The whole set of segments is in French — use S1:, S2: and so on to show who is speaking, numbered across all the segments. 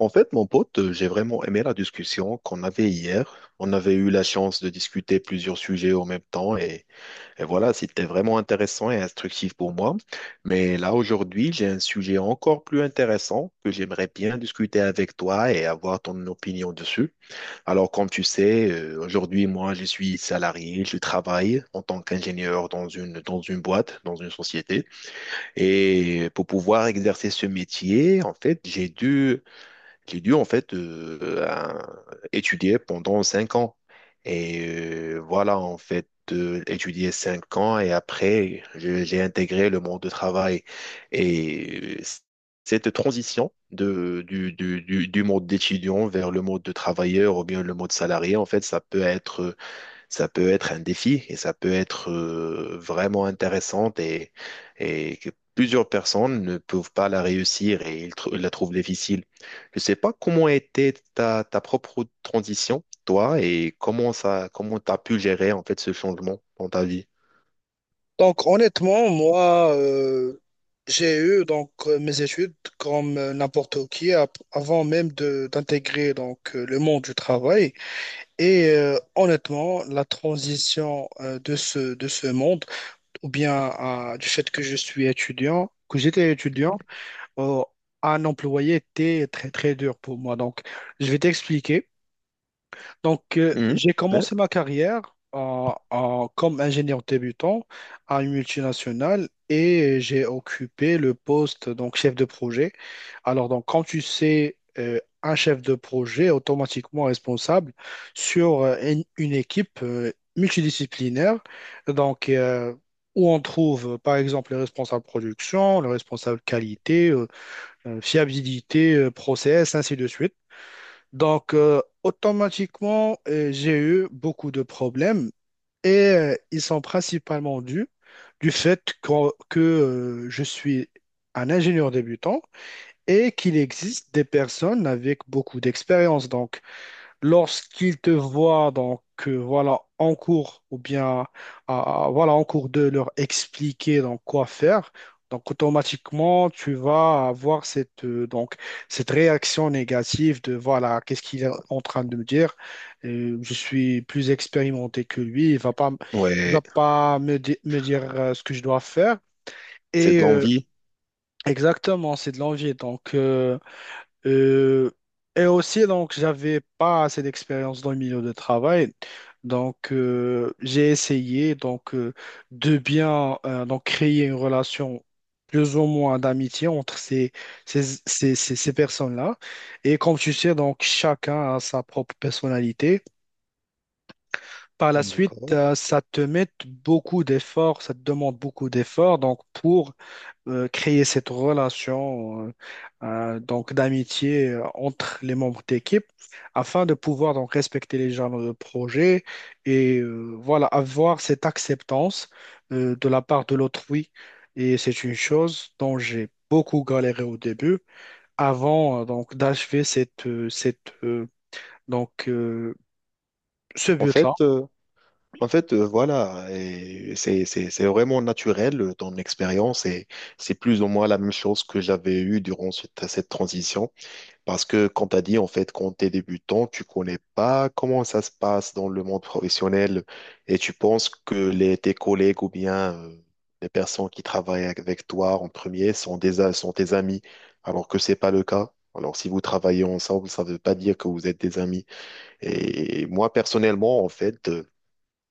S1: En fait, mon pote, j'ai vraiment aimé la discussion qu'on avait hier. On avait eu la chance de discuter plusieurs sujets en même temps et voilà, c'était vraiment intéressant et instructif pour moi. Mais là, aujourd'hui, j'ai un sujet encore plus intéressant que j'aimerais bien discuter avec toi et avoir ton opinion dessus. Alors, comme tu sais, aujourd'hui, moi, je suis salarié, je travaille en tant qu'ingénieur dans une boîte, dans une société. Et pour pouvoir exercer ce métier, en fait, j'ai dû en fait étudier pendant 5 ans. Et voilà, en fait, étudier 5 ans et après, j'ai intégré le monde de travail. Et cette transition de, du monde d'étudiant vers le monde de travailleur ou bien le monde salarié, en fait, ça peut être un défi et ça peut être vraiment intéressante et que plusieurs personnes ne peuvent pas la réussir et ils, la trouvent difficile. Je ne sais pas comment était ta propre transition, toi, et comment tu as pu gérer en fait ce changement dans ta vie.
S2: Donc honnêtement, moi, j'ai eu mes études comme n'importe qui avant même de d'intégrer le monde du travail. Et honnêtement, la transition de ce monde, ou bien du fait que je suis étudiant, que j'étais étudiant, euh, un employé était très très dur pour moi. Donc je vais t'expliquer. Donc,
S1: Mhm.
S2: j'ai
S1: Ouais,
S2: commencé ma carrière comme ingénieur débutant à une multinationale, et j'ai occupé le poste donc chef de projet. Alors, donc, quand tu sais, un chef de projet est automatiquement responsable sur une équipe multidisciplinaire. Donc, où on trouve, par exemple, les responsables production, le responsable qualité, fiabilité, process, ainsi de suite. Donc, automatiquement, j'ai eu beaucoup de problèmes, et ils sont principalement dus du fait que, je suis un ingénieur débutant et qu'il existe des personnes avec beaucoup d'expérience. Donc, lorsqu'ils te voient voilà en cours ou bien voilà en cours de leur expliquer donc quoi faire, donc automatiquement tu vas avoir cette cette réaction négative de voilà, qu'est-ce qu'il est en train de me dire. Je suis plus expérimenté que lui, il va
S1: ouais.
S2: pas me dire ce que je dois faire.
S1: C'est
S2: Et
S1: de l'envie.
S2: exactement, c'est de l'envie. Euh, et aussi, donc, j'avais pas assez d'expérience dans le milieu de travail. Donc, j'ai essayé de bien donc créer une relation plus ou moins d'amitié entre ces personnes-là. Et comme tu sais, donc, chacun a sa propre personnalité. Par la suite,
S1: D'accord.
S2: ça te met beaucoup d'efforts, ça te demande beaucoup d'efforts donc, pour créer cette relation donc d'amitié entre les membres d'équipe afin de pouvoir donc respecter les genres de projet, et voilà avoir cette acceptance de la part de l'autrui. Et c'est une chose dont j'ai beaucoup galéré au début avant donc d'achever cette cette donc ce
S1: En
S2: but-là.
S1: fait, En fait, voilà, et c'est vraiment naturel ton expérience et c'est plus ou moins la même chose que j'avais eue durant cette transition. Parce que, quand tu as dit, en fait, quand tu es débutant, tu connais pas comment ça se passe dans le monde professionnel et tu penses que tes collègues ou bien les personnes qui travaillent avec toi en premier sont tes amis, alors que c'est pas le cas. Alors, si vous travaillez ensemble, ça veut pas dire que vous êtes des amis. Et moi, personnellement, en fait,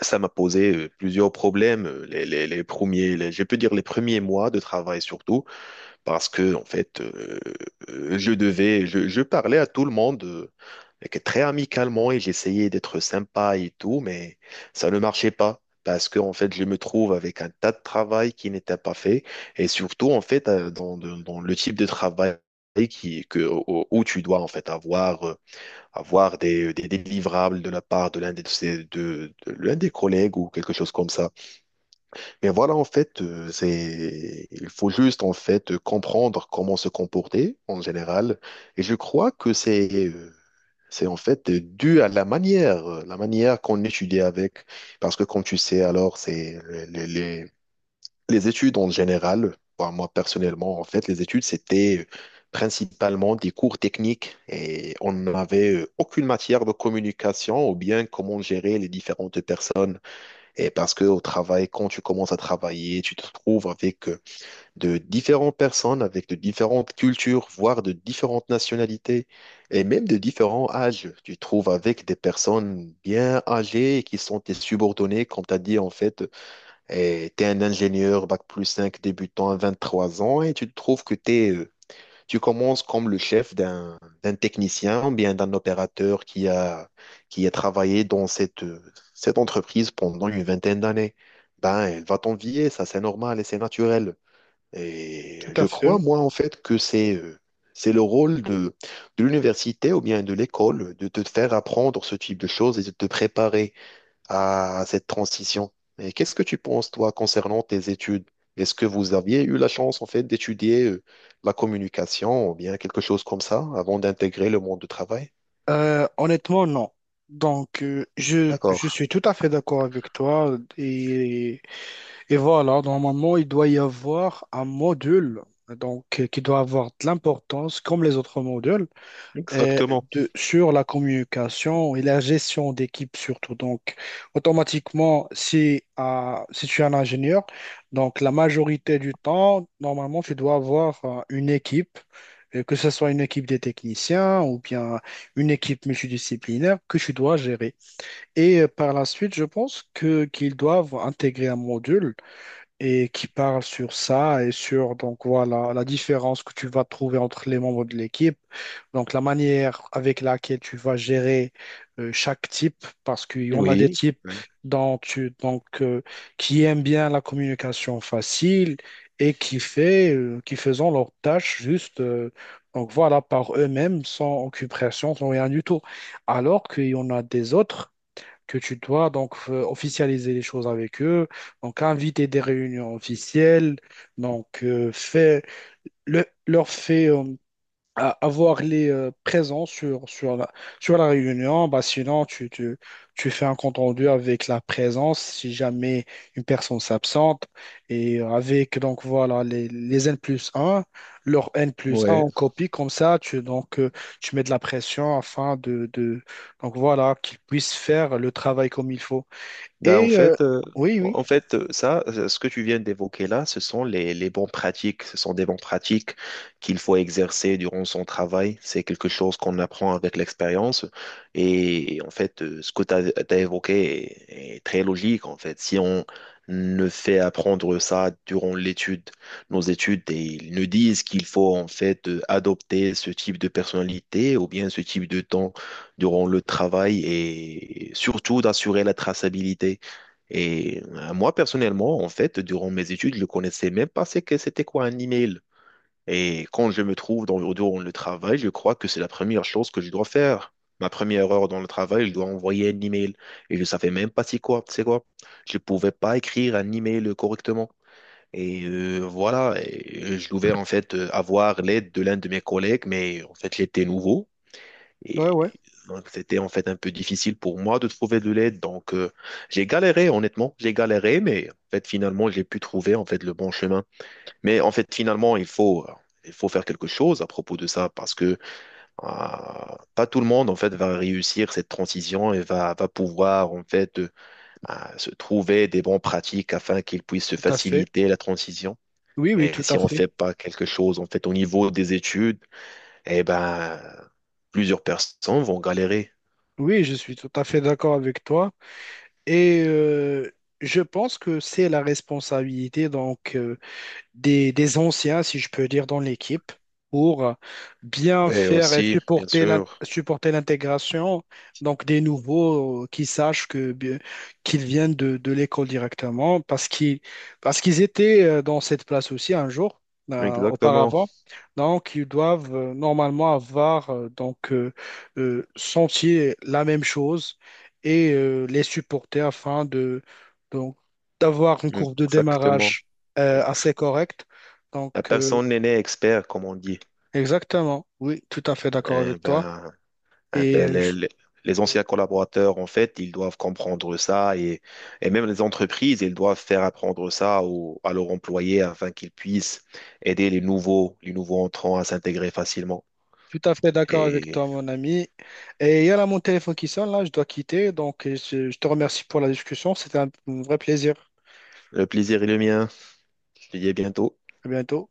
S1: ça m'a posé plusieurs problèmes, je peux dire les premiers mois de travail surtout, parce que en fait, je parlais à tout le monde très amicalement et j'essayais d'être sympa et tout, mais ça ne marchait pas. Parce que en fait, je me trouve avec un tas de travail qui n'était pas fait, et surtout en fait, dans le type de travail où tu dois en fait avoir des délivrables de la part de l'un des collègues ou quelque chose comme ça. Mais voilà, en fait, il faut juste, en fait, comprendre comment se comporter en général. Et je crois que c'est en fait dû à la manière qu'on étudie avec. Parce que, comme tu sais, alors, les, les- les études en général, enfin, moi personnellement, en fait, les études, c'était principalement des cours techniques et on n'avait aucune matière de communication ou bien comment gérer les différentes personnes. Et parce que au travail, quand tu commences à travailler, tu te trouves avec de différentes personnes, avec de différentes cultures, voire de différentes nationalités et même de différents âges. Tu te trouves avec des personnes bien âgées et qui sont tes subordonnés, comme tu as dit, en fait et tu es un ingénieur bac plus 5 débutant à 23 ans et tu te trouves tu commences comme le chef d'un technicien ou bien d'un opérateur qui a travaillé dans cette entreprise pendant une vingtaine d'années. Ben, elle va t'envier, ça c'est normal et c'est naturel. Et
S2: Tout à
S1: je
S2: fait.
S1: crois, moi, en fait, que c'est le rôle de l'université ou bien de l'école de te faire apprendre ce type de choses et de te préparer à cette transition. Et qu'est-ce que tu penses, toi, concernant tes études? Est-ce que vous aviez eu la chance, en fait, d'étudier la communication ou bien quelque chose comme ça avant d'intégrer le monde du travail?
S2: Honnêtement, non. Donc, je,
S1: D'accord.
S2: je suis tout à fait d'accord avec toi. Et voilà, normalement, il doit y avoir un module qui doit avoir de l'importance comme les autres modules. euh,
S1: Exactement.
S2: de, sur la communication et la gestion d'équipe surtout. Donc, automatiquement, si, si tu es un ingénieur, donc la majorité du temps, normalement, tu dois avoir une équipe, que ce soit une équipe des techniciens ou bien une équipe multidisciplinaire que tu dois gérer. Et par la suite, je pense que qu'ils doivent intégrer un module et qui parle sur ça, et sur donc voilà la différence que tu vas trouver entre les membres de l'équipe, donc la manière avec laquelle tu vas gérer chaque type, parce qu'il y en a des
S1: Oui.
S2: types
S1: Oui.
S2: dont tu donc qui aiment bien la communication facile et qui fait qui faisant leurs tâches juste donc voilà par eux-mêmes, sans occupation, sans rien du tout, alors qu'il y en a des autres que tu dois donc officialiser les choses avec eux, donc inviter des réunions officielles, donc euh, fais- leur fait à avoir les présents sur la réunion. Bah, sinon, tu fais un compte rendu avec la présence si jamais une personne s'absente, et avec donc voilà les N plus un, leur N plus un
S1: Ouais.
S2: en copie, comme ça, tu mets de la pression afin de donc voilà qu'ils puissent faire le travail comme il faut.
S1: Ben, en
S2: Et
S1: fait, euh,
S2: oui, oui,
S1: en fait, euh, ce que tu viens d'évoquer là, ce sont les bonnes pratiques. Ce sont des bonnes pratiques qu'il faut exercer durant son travail. C'est quelque chose qu'on apprend avec l'expérience. Et en fait, ce que tu as évoqué est très logique. En fait, si on ne fait apprendre ça durant nos études, et ils nous disent qu'il faut en fait adopter ce type de personnalité ou bien ce type de temps durant le travail et surtout d'assurer la traçabilité. Et moi, personnellement, en fait, durant mes études, je ne connaissais même pas c'est que c'était quoi un email. Et quand je me trouve durant le travail, je crois que c'est la première chose que je dois faire. Ma première heure dans le travail, je dois envoyer un email. Et je ne savais même pas c'est quoi, c'est quoi. Je ne pouvais pas écrire un email correctement. Et voilà, et je devais en fait avoir l'aide de l'un de mes collègues, mais en fait, j'étais nouveau.
S2: ouais, ouais,
S1: Et donc, c'était en fait un peu difficile pour moi de trouver de l'aide. Donc, j'ai galéré, honnêtement, j'ai galéré, mais en fait, finalement, j'ai pu trouver en fait le bon chemin. Mais en fait, finalement, il faut faire quelque chose à propos de ça parce que euh, pas tout le monde en fait va réussir cette transition et va pouvoir en fait se trouver des bonnes pratiques afin qu'ils puissent se
S2: tout à fait.
S1: faciliter la transition.
S2: Oui, oui,
S1: Et
S2: tout à
S1: si on ne
S2: fait.
S1: fait pas quelque chose en fait au niveau des études, eh ben plusieurs personnes vont galérer.
S2: Oui, je suis tout à fait d'accord avec toi. Et je pense que c'est la responsabilité des anciens, si je peux dire, dans l'équipe, pour bien
S1: Ouais,
S2: faire et
S1: aussi, bien
S2: supporter
S1: sûr.
S2: supporter l'intégration, donc des nouveaux, qui sachent que qu'ils viennent de l'école directement, parce qu'ils étaient dans cette place aussi un jour
S1: Exactement.
S2: auparavant. Donc, ils doivent normalement avoir senti la même chose, et les supporter afin de donc d'avoir une courbe de
S1: Exactement.
S2: démarrage assez correct. Donc,
S1: La
S2: euh,
S1: personne n'est expert, comme on dit.
S2: Exactement, oui, tout à fait d'accord
S1: Eh
S2: avec toi.
S1: ben, eh
S2: Et
S1: ben,
S2: je
S1: les anciens collaborateurs, en fait, ils doivent comprendre ça et même les entreprises, ils doivent faire apprendre ça à leurs employés afin qu'ils puissent aider les nouveaux entrants à s'intégrer facilement.
S2: suis tout à fait d'accord avec
S1: Et
S2: toi, mon ami. Et il y a là mon téléphone qui sonne, là, je dois quitter. Donc, je te remercie pour la discussion. C'était un vrai plaisir.
S1: le plaisir est le mien. Je te dis à bientôt.
S2: À bientôt.